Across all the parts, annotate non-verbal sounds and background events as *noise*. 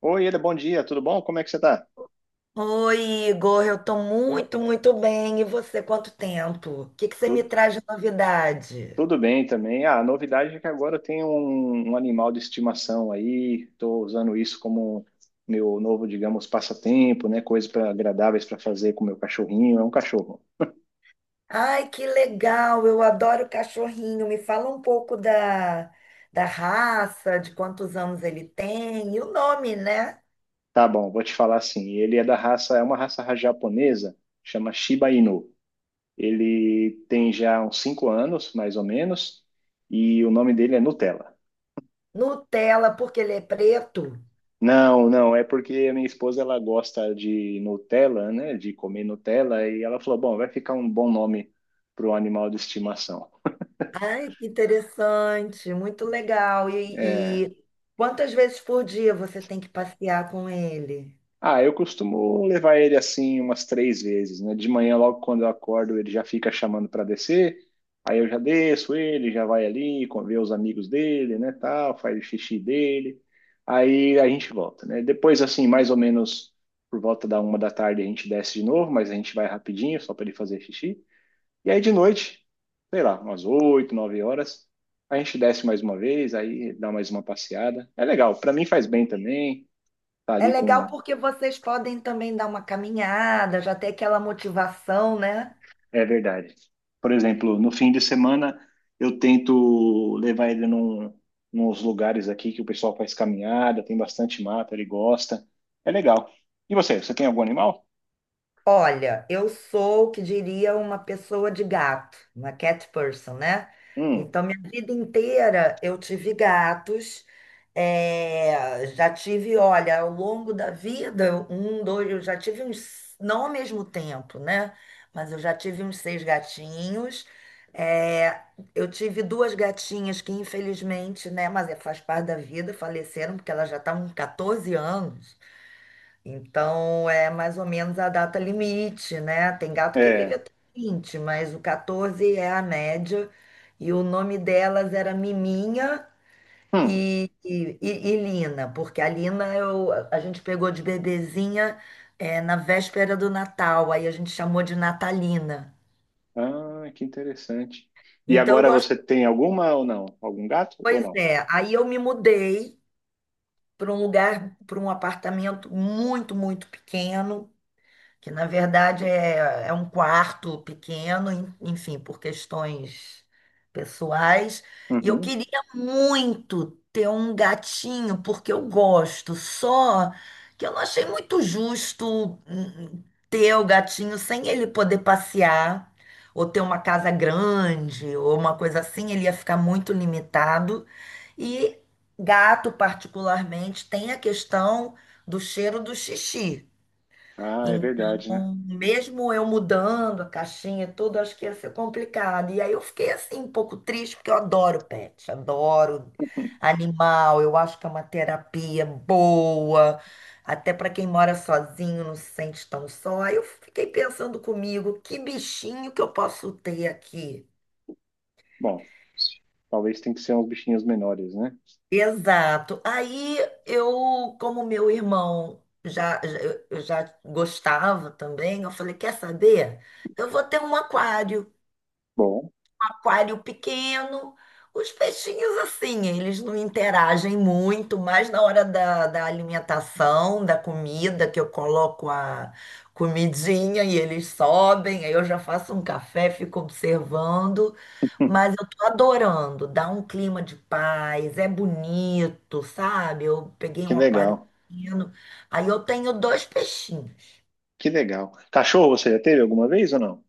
Oi, Eda, bom dia, tudo bom? Como é que você tá? Oi, Igor, eu tô muito, muito bem. E você, quanto tempo? O que que você me Tudo, traz de novidade? tudo, bem também. Ah, a novidade é que agora eu tenho um animal de estimação aí, estou usando isso como meu novo, digamos, passatempo, né? Coisas pra, agradáveis para fazer com meu cachorrinho. É um cachorro. Ai, que legal! Eu adoro cachorrinho. Me fala um pouco da raça, de quantos anos ele tem e o nome, né? Tá bom, vou te falar assim. Ele é da raça, é uma raça japonesa, chama Shiba Inu. Ele tem já uns 5 anos, mais ou menos, e o nome dele é Nutella. Nutella, porque ele é preto. Não, não, é porque a minha esposa ela gosta de Nutella, né? De comer Nutella, e ela falou: bom, vai ficar um bom nome para o animal de estimação. Ai, que interessante, muito legal. É. E quantas vezes por dia você tem que passear com ele? Ah, eu costumo levar ele assim umas três vezes, né? De manhã, logo quando eu acordo, ele já fica chamando para descer, aí eu já desço ele, já vai ali, vê os amigos dele, né? Tal, faz o xixi dele, aí a gente volta, né? Depois, assim, mais ou menos por volta da 1 da tarde, a gente desce de novo, mas a gente vai rapidinho, só para ele fazer xixi. E aí de noite, sei lá, umas 8 9 horas, a gente desce mais uma vez, aí dá mais uma passeada. É legal, para mim faz bem também, tá É ali legal com. porque vocês podem também dar uma caminhada, já ter aquela motivação, né? É verdade. Por exemplo, no fim de semana eu tento levar ele nos lugares aqui que o pessoal faz caminhada, tem bastante mata, ele gosta. É legal. E você, você tem algum animal? Olha, eu sou o que diria uma pessoa de gato, uma cat person, né? Hum, Então, minha vida inteira eu tive gatos, já tive, olha, ao longo da vida, um, dois, eu já tive uns, não ao mesmo tempo, né? Mas eu já tive uns seis gatinhos. eh, eu tive duas gatinhas que, infelizmente, né? Mas faz parte da vida, faleceram, porque elas já estavam com 14 anos. Então é mais ou menos a data limite, né? Tem gato que vive é. até 20, mas o 14 é a média. E o nome delas era Miminha Hum. e Lina, porque a Lina a gente pegou de bebezinha na véspera do Natal, aí a gente chamou de Natalina. Ah, que interessante. E Então eu agora gosto, você tem alguma ou não? Algum gato ou pois não? é, aí eu me mudei para um lugar, para um apartamento muito, muito pequeno que na verdade é um quarto pequeno, enfim, por questões pessoais. E eu Uhum. queria muito ter um gatinho, porque eu gosto, só que eu não achei muito justo, ter o gatinho sem ele poder passear. Ou ter uma casa grande, ou uma coisa assim, ele ia ficar muito limitado. E gato, particularmente, tem a questão do cheiro do xixi. Ah, é verdade, né? Então, mesmo eu mudando a caixinha, e tudo, acho que ia ser complicado. E aí eu fiquei assim, um pouco triste, porque eu adoro pet, adoro *laughs* animal, eu acho que é uma terapia boa, até para quem mora sozinho, não se sente tão só. Aí eu fiquei pensando comigo, que bichinho que eu posso ter aqui? Bom, talvez tenha que ser uns bichinhos menores, né? Exato. Aí como meu irmão eu já gostava também, eu falei, quer saber? Eu vou ter um aquário. Bom, Aquário pequeno. Os peixinhos, assim, eles não interagem muito, mas na hora da alimentação, da comida, que eu coloco a comidinha e eles sobem, aí eu já faço um café, fico observando. Mas *laughs* eu tô adorando, dá um clima de paz, é bonito, sabe? Eu peguei que um aquário legal. pequeno, aí eu tenho dois peixinhos. Que legal. Cachorro você já teve alguma vez ou não?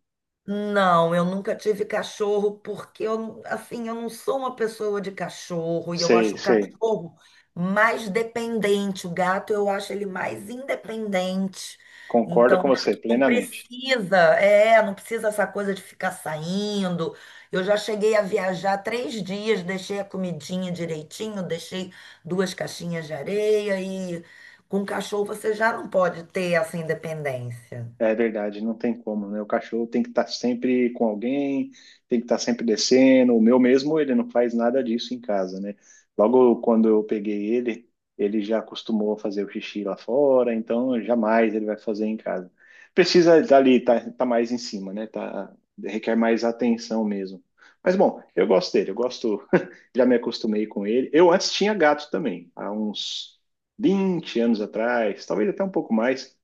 Não, eu nunca tive cachorro porque eu, assim, eu não sou uma pessoa de cachorro e eu Sei, acho o sei. cachorro mais dependente. O gato eu acho ele mais independente. Concordo Então, o com você gato não plenamente. precisa, é, não precisa essa coisa de ficar saindo. Eu já cheguei a viajar 3 dias, deixei a comidinha direitinho, deixei duas caixinhas de areia e com cachorro você já não pode ter essa independência. É verdade, não tem como, né? O cachorro tem que estar sempre com alguém, tem que estar sempre descendo. O meu mesmo, ele não faz nada disso em casa, né? Logo quando eu peguei ele, ele já acostumou a fazer o xixi lá fora, então jamais ele vai fazer em casa. Precisa dali, tá, tá mais em cima, né? Tá, requer mais atenção mesmo. Mas bom, eu gosto dele, eu gosto, *laughs* já me acostumei com ele. Eu antes tinha gato também, há uns 20 anos atrás, talvez até um pouco mais.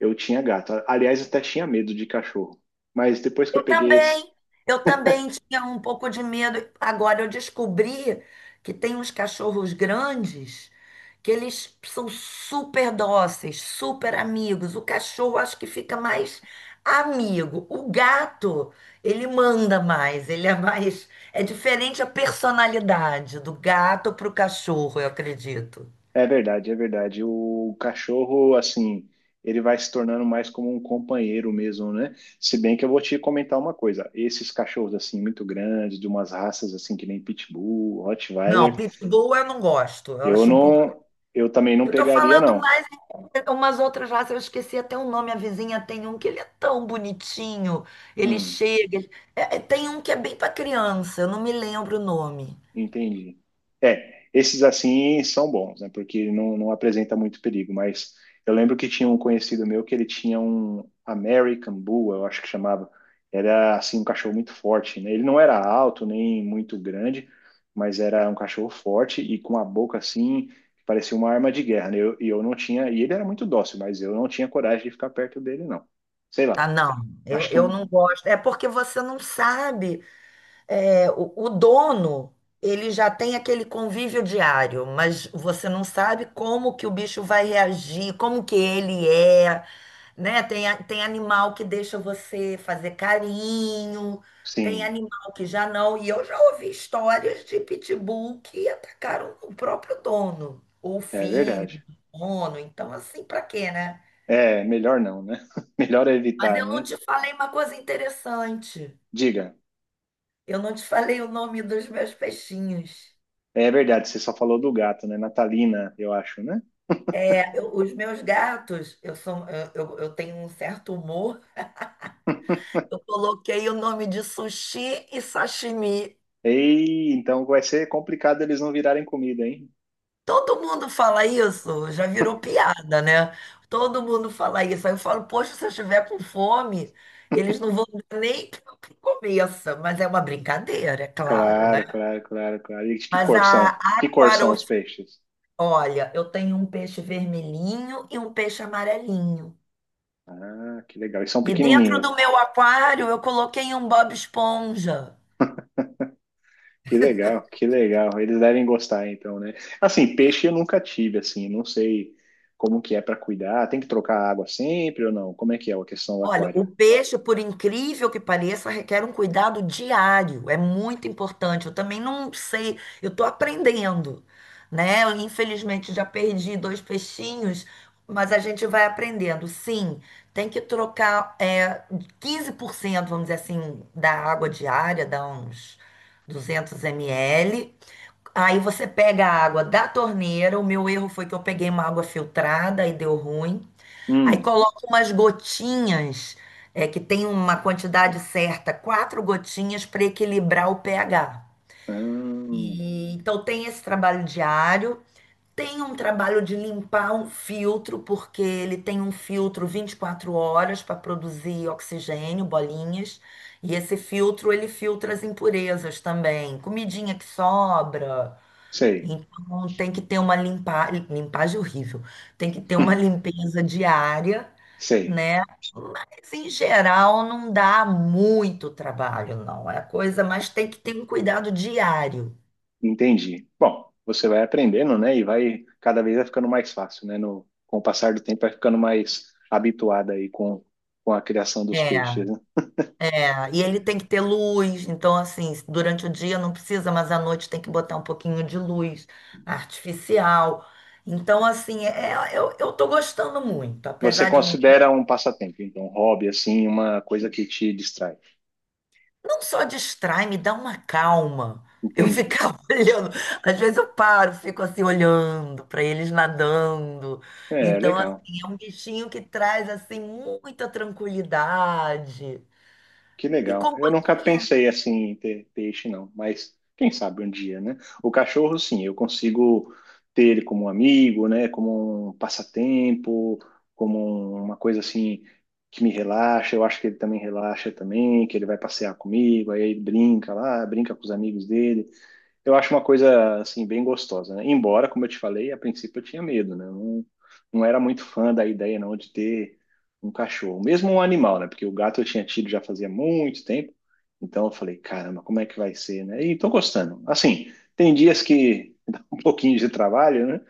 Eu tinha gato. Aliás, até tinha medo de cachorro. Mas depois que eu Eu peguei esse. também, eu também tinha um pouco de medo. Agora eu descobri que tem uns cachorros grandes que eles são super dóceis, super amigos. O cachorro acho que fica mais amigo. O gato, ele manda mais, ele é mais. É diferente a personalidade do gato para o cachorro, eu acredito. É verdade, é verdade. O cachorro, assim, ele vai se tornando mais como um companheiro mesmo, né? Se bem que eu vou te comentar uma coisa. Esses cachorros, assim, muito grandes, de umas raças, assim, que nem Pitbull, Não, Rottweiler, pitbull eu não gosto. Eu eu acho um pouco. não. Eu também não Eu tô pegaria, falando não. umas outras raças, eu esqueci até o nome, a vizinha tem um que ele é tão bonitinho, ele Hum. chega, tem um que é bem para criança, eu não me lembro o nome. Entendi. É, esses assim são bons, né? Porque não apresenta muito perigo, mas eu lembro que tinha um conhecido meu que ele tinha um American Bull, eu acho que chamava. Era assim um cachorro muito forte, né? Ele não era alto nem muito grande, mas era um cachorro forte e com a boca assim, que parecia uma arma de guerra, né? E eu, não tinha, e ele era muito dócil, mas eu não tinha coragem de ficar perto dele, não. Sei lá. Ah, não, eu, Acho que eu não um- gosto. É porque você não sabe, o dono, ele já tem aquele convívio diário, mas você não sabe como que o bicho vai reagir, como que ele é, né? Tem animal que deixa você fazer carinho, tem sim, animal que já não. E eu já ouvi histórias de pitbull que atacaram o próprio dono, ou o é filho verdade. do dono. Então, assim, pra quê, né? É, melhor não, né? *laughs* Melhor é Mas evitar, eu não né? te falei uma coisa interessante. Diga. Eu não te falei o nome dos meus peixinhos. É verdade, você só falou do gato, né? Natalina, eu acho, né? É, os meus gatos, eu tenho um certo humor. *laughs* Eu coloquei o nome de sushi e sashimi. Ei, então vai ser complicado eles não virarem comida, hein? Todo mundo fala isso, já virou *laughs* piada, né? Todo mundo fala isso. Aí eu falo, poxa, se eu estiver com fome, eles não vão dar nem *laughs* que eu começa. Mas é uma brincadeira, é claro, né? Claro, claro, claro, claro. E que Mas cor são? Que cor são os aquarofi, peixes? olha, eu tenho um peixe vermelhinho e um peixe amarelinho. Ah, que legal. E são E dentro pequenininhos. do meu aquário eu coloquei um Bob Esponja. Que legal, que legal. Eles devem gostar, então, né? Assim, peixe eu nunca tive, assim, não sei como que é para cuidar. Tem que trocar a água sempre ou não? Como é que é a questão do Olha, aquário? o peixe, por incrível que pareça, requer um cuidado diário. É muito importante. Eu também não sei, eu estou aprendendo, né? Eu, infelizmente já perdi dois peixinhos, mas a gente vai aprendendo. Sim, tem que trocar, 15%, vamos dizer assim, da água diária, dá uns 200 ml. Aí você pega a água da torneira. O meu erro foi que eu peguei uma água filtrada e deu ruim. Aí Hum, coloca umas gotinhas, é, que tem uma quantidade certa, quatro gotinhas para equilibrar o pH. ah, E, então tem esse trabalho diário, tem um trabalho de limpar um filtro, porque ele tem um filtro 24 horas para produzir oxigênio, bolinhas, e esse filtro ele filtra as impurezas também, comidinha que sobra. sei, Então tem que ter uma limpa... limpagem horrível, tem que ter uma limpeza diária, *laughs* sei. né? Mas em geral não dá muito trabalho, não. É coisa, mas tem que ter um cuidado diário. Entendi. Bom, você vai aprendendo, né? E vai, cada vez vai ficando mais fácil, né? No, com o passar do tempo, vai ficando mais habituada aí com a criação É, dos peixes, é. né? E ele tem que ter luz, então assim, durante o dia não precisa, mas à noite tem que botar um pouquinho de luz artificial. Então, assim, eu tô gostando muito, Você apesar de não, considera um passatempo, então, um hobby, assim, uma coisa que te distrai. não só distrai, me dá uma calma. Eu Entendi. ficava *laughs* olhando, às vezes eu paro, fico assim olhando para eles nadando. É, Então, assim, legal. é um bichinho que traz assim muita tranquilidade Que e legal. Eu nunca companhia. pensei assim em ter peixe, não, mas quem sabe um dia, né? O cachorro, sim, eu consigo ter ele como um amigo, né? Como um passatempo, como uma coisa assim que me relaxa. Eu acho que ele também relaxa também, que ele vai passear comigo, aí ele brinca lá, brinca com os amigos dele eu acho uma coisa assim bem gostosa, né? Embora, como eu te falei, a princípio eu tinha medo, né? Eu não era muito fã da ideia não de ter um cachorro, mesmo um animal, né? Porque o gato eu tinha tido já fazia muito tempo, então eu falei, caramba, como é que vai ser, né? E tô gostando. Assim, tem dias que *laughs* dá um pouquinho de trabalho, né?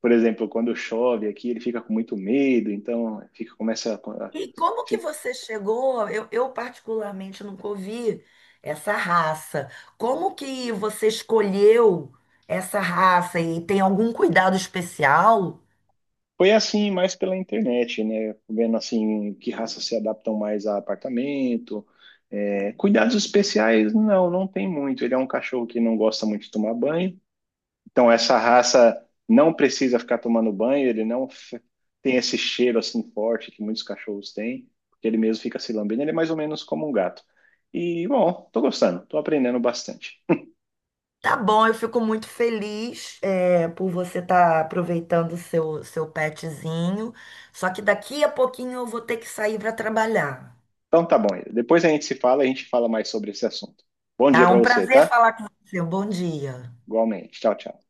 Por exemplo, quando chove aqui, ele fica com muito medo, então fica começa a- E como que fi- você chegou? Eu particularmente nunca ouvi essa raça. Como que você escolheu essa raça e tem algum cuidado especial? foi assim mais pela internet, né? Vendo assim que raças se adaptam mais a apartamento É, Cuidados especiais, não, não tem muito. Ele é um cachorro que não gosta muito de tomar banho. Então, essa raça não precisa ficar tomando banho, ele não f- tem esse cheiro assim forte que muitos cachorros têm, porque ele mesmo fica se lambendo. Ele é mais ou menos como um gato. E, bom, tô gostando, tô aprendendo bastante. Tá bom, eu fico muito feliz, é, por você estar aproveitando o seu petzinho. Só que daqui a pouquinho eu vou ter que sair para trabalhar. Então, tá bom. Depois a gente se fala, a gente fala mais sobre esse assunto. Bom dia Tá? pra Um você, prazer tá? falar com você. Um bom dia. Igualmente. Tchau, tchau.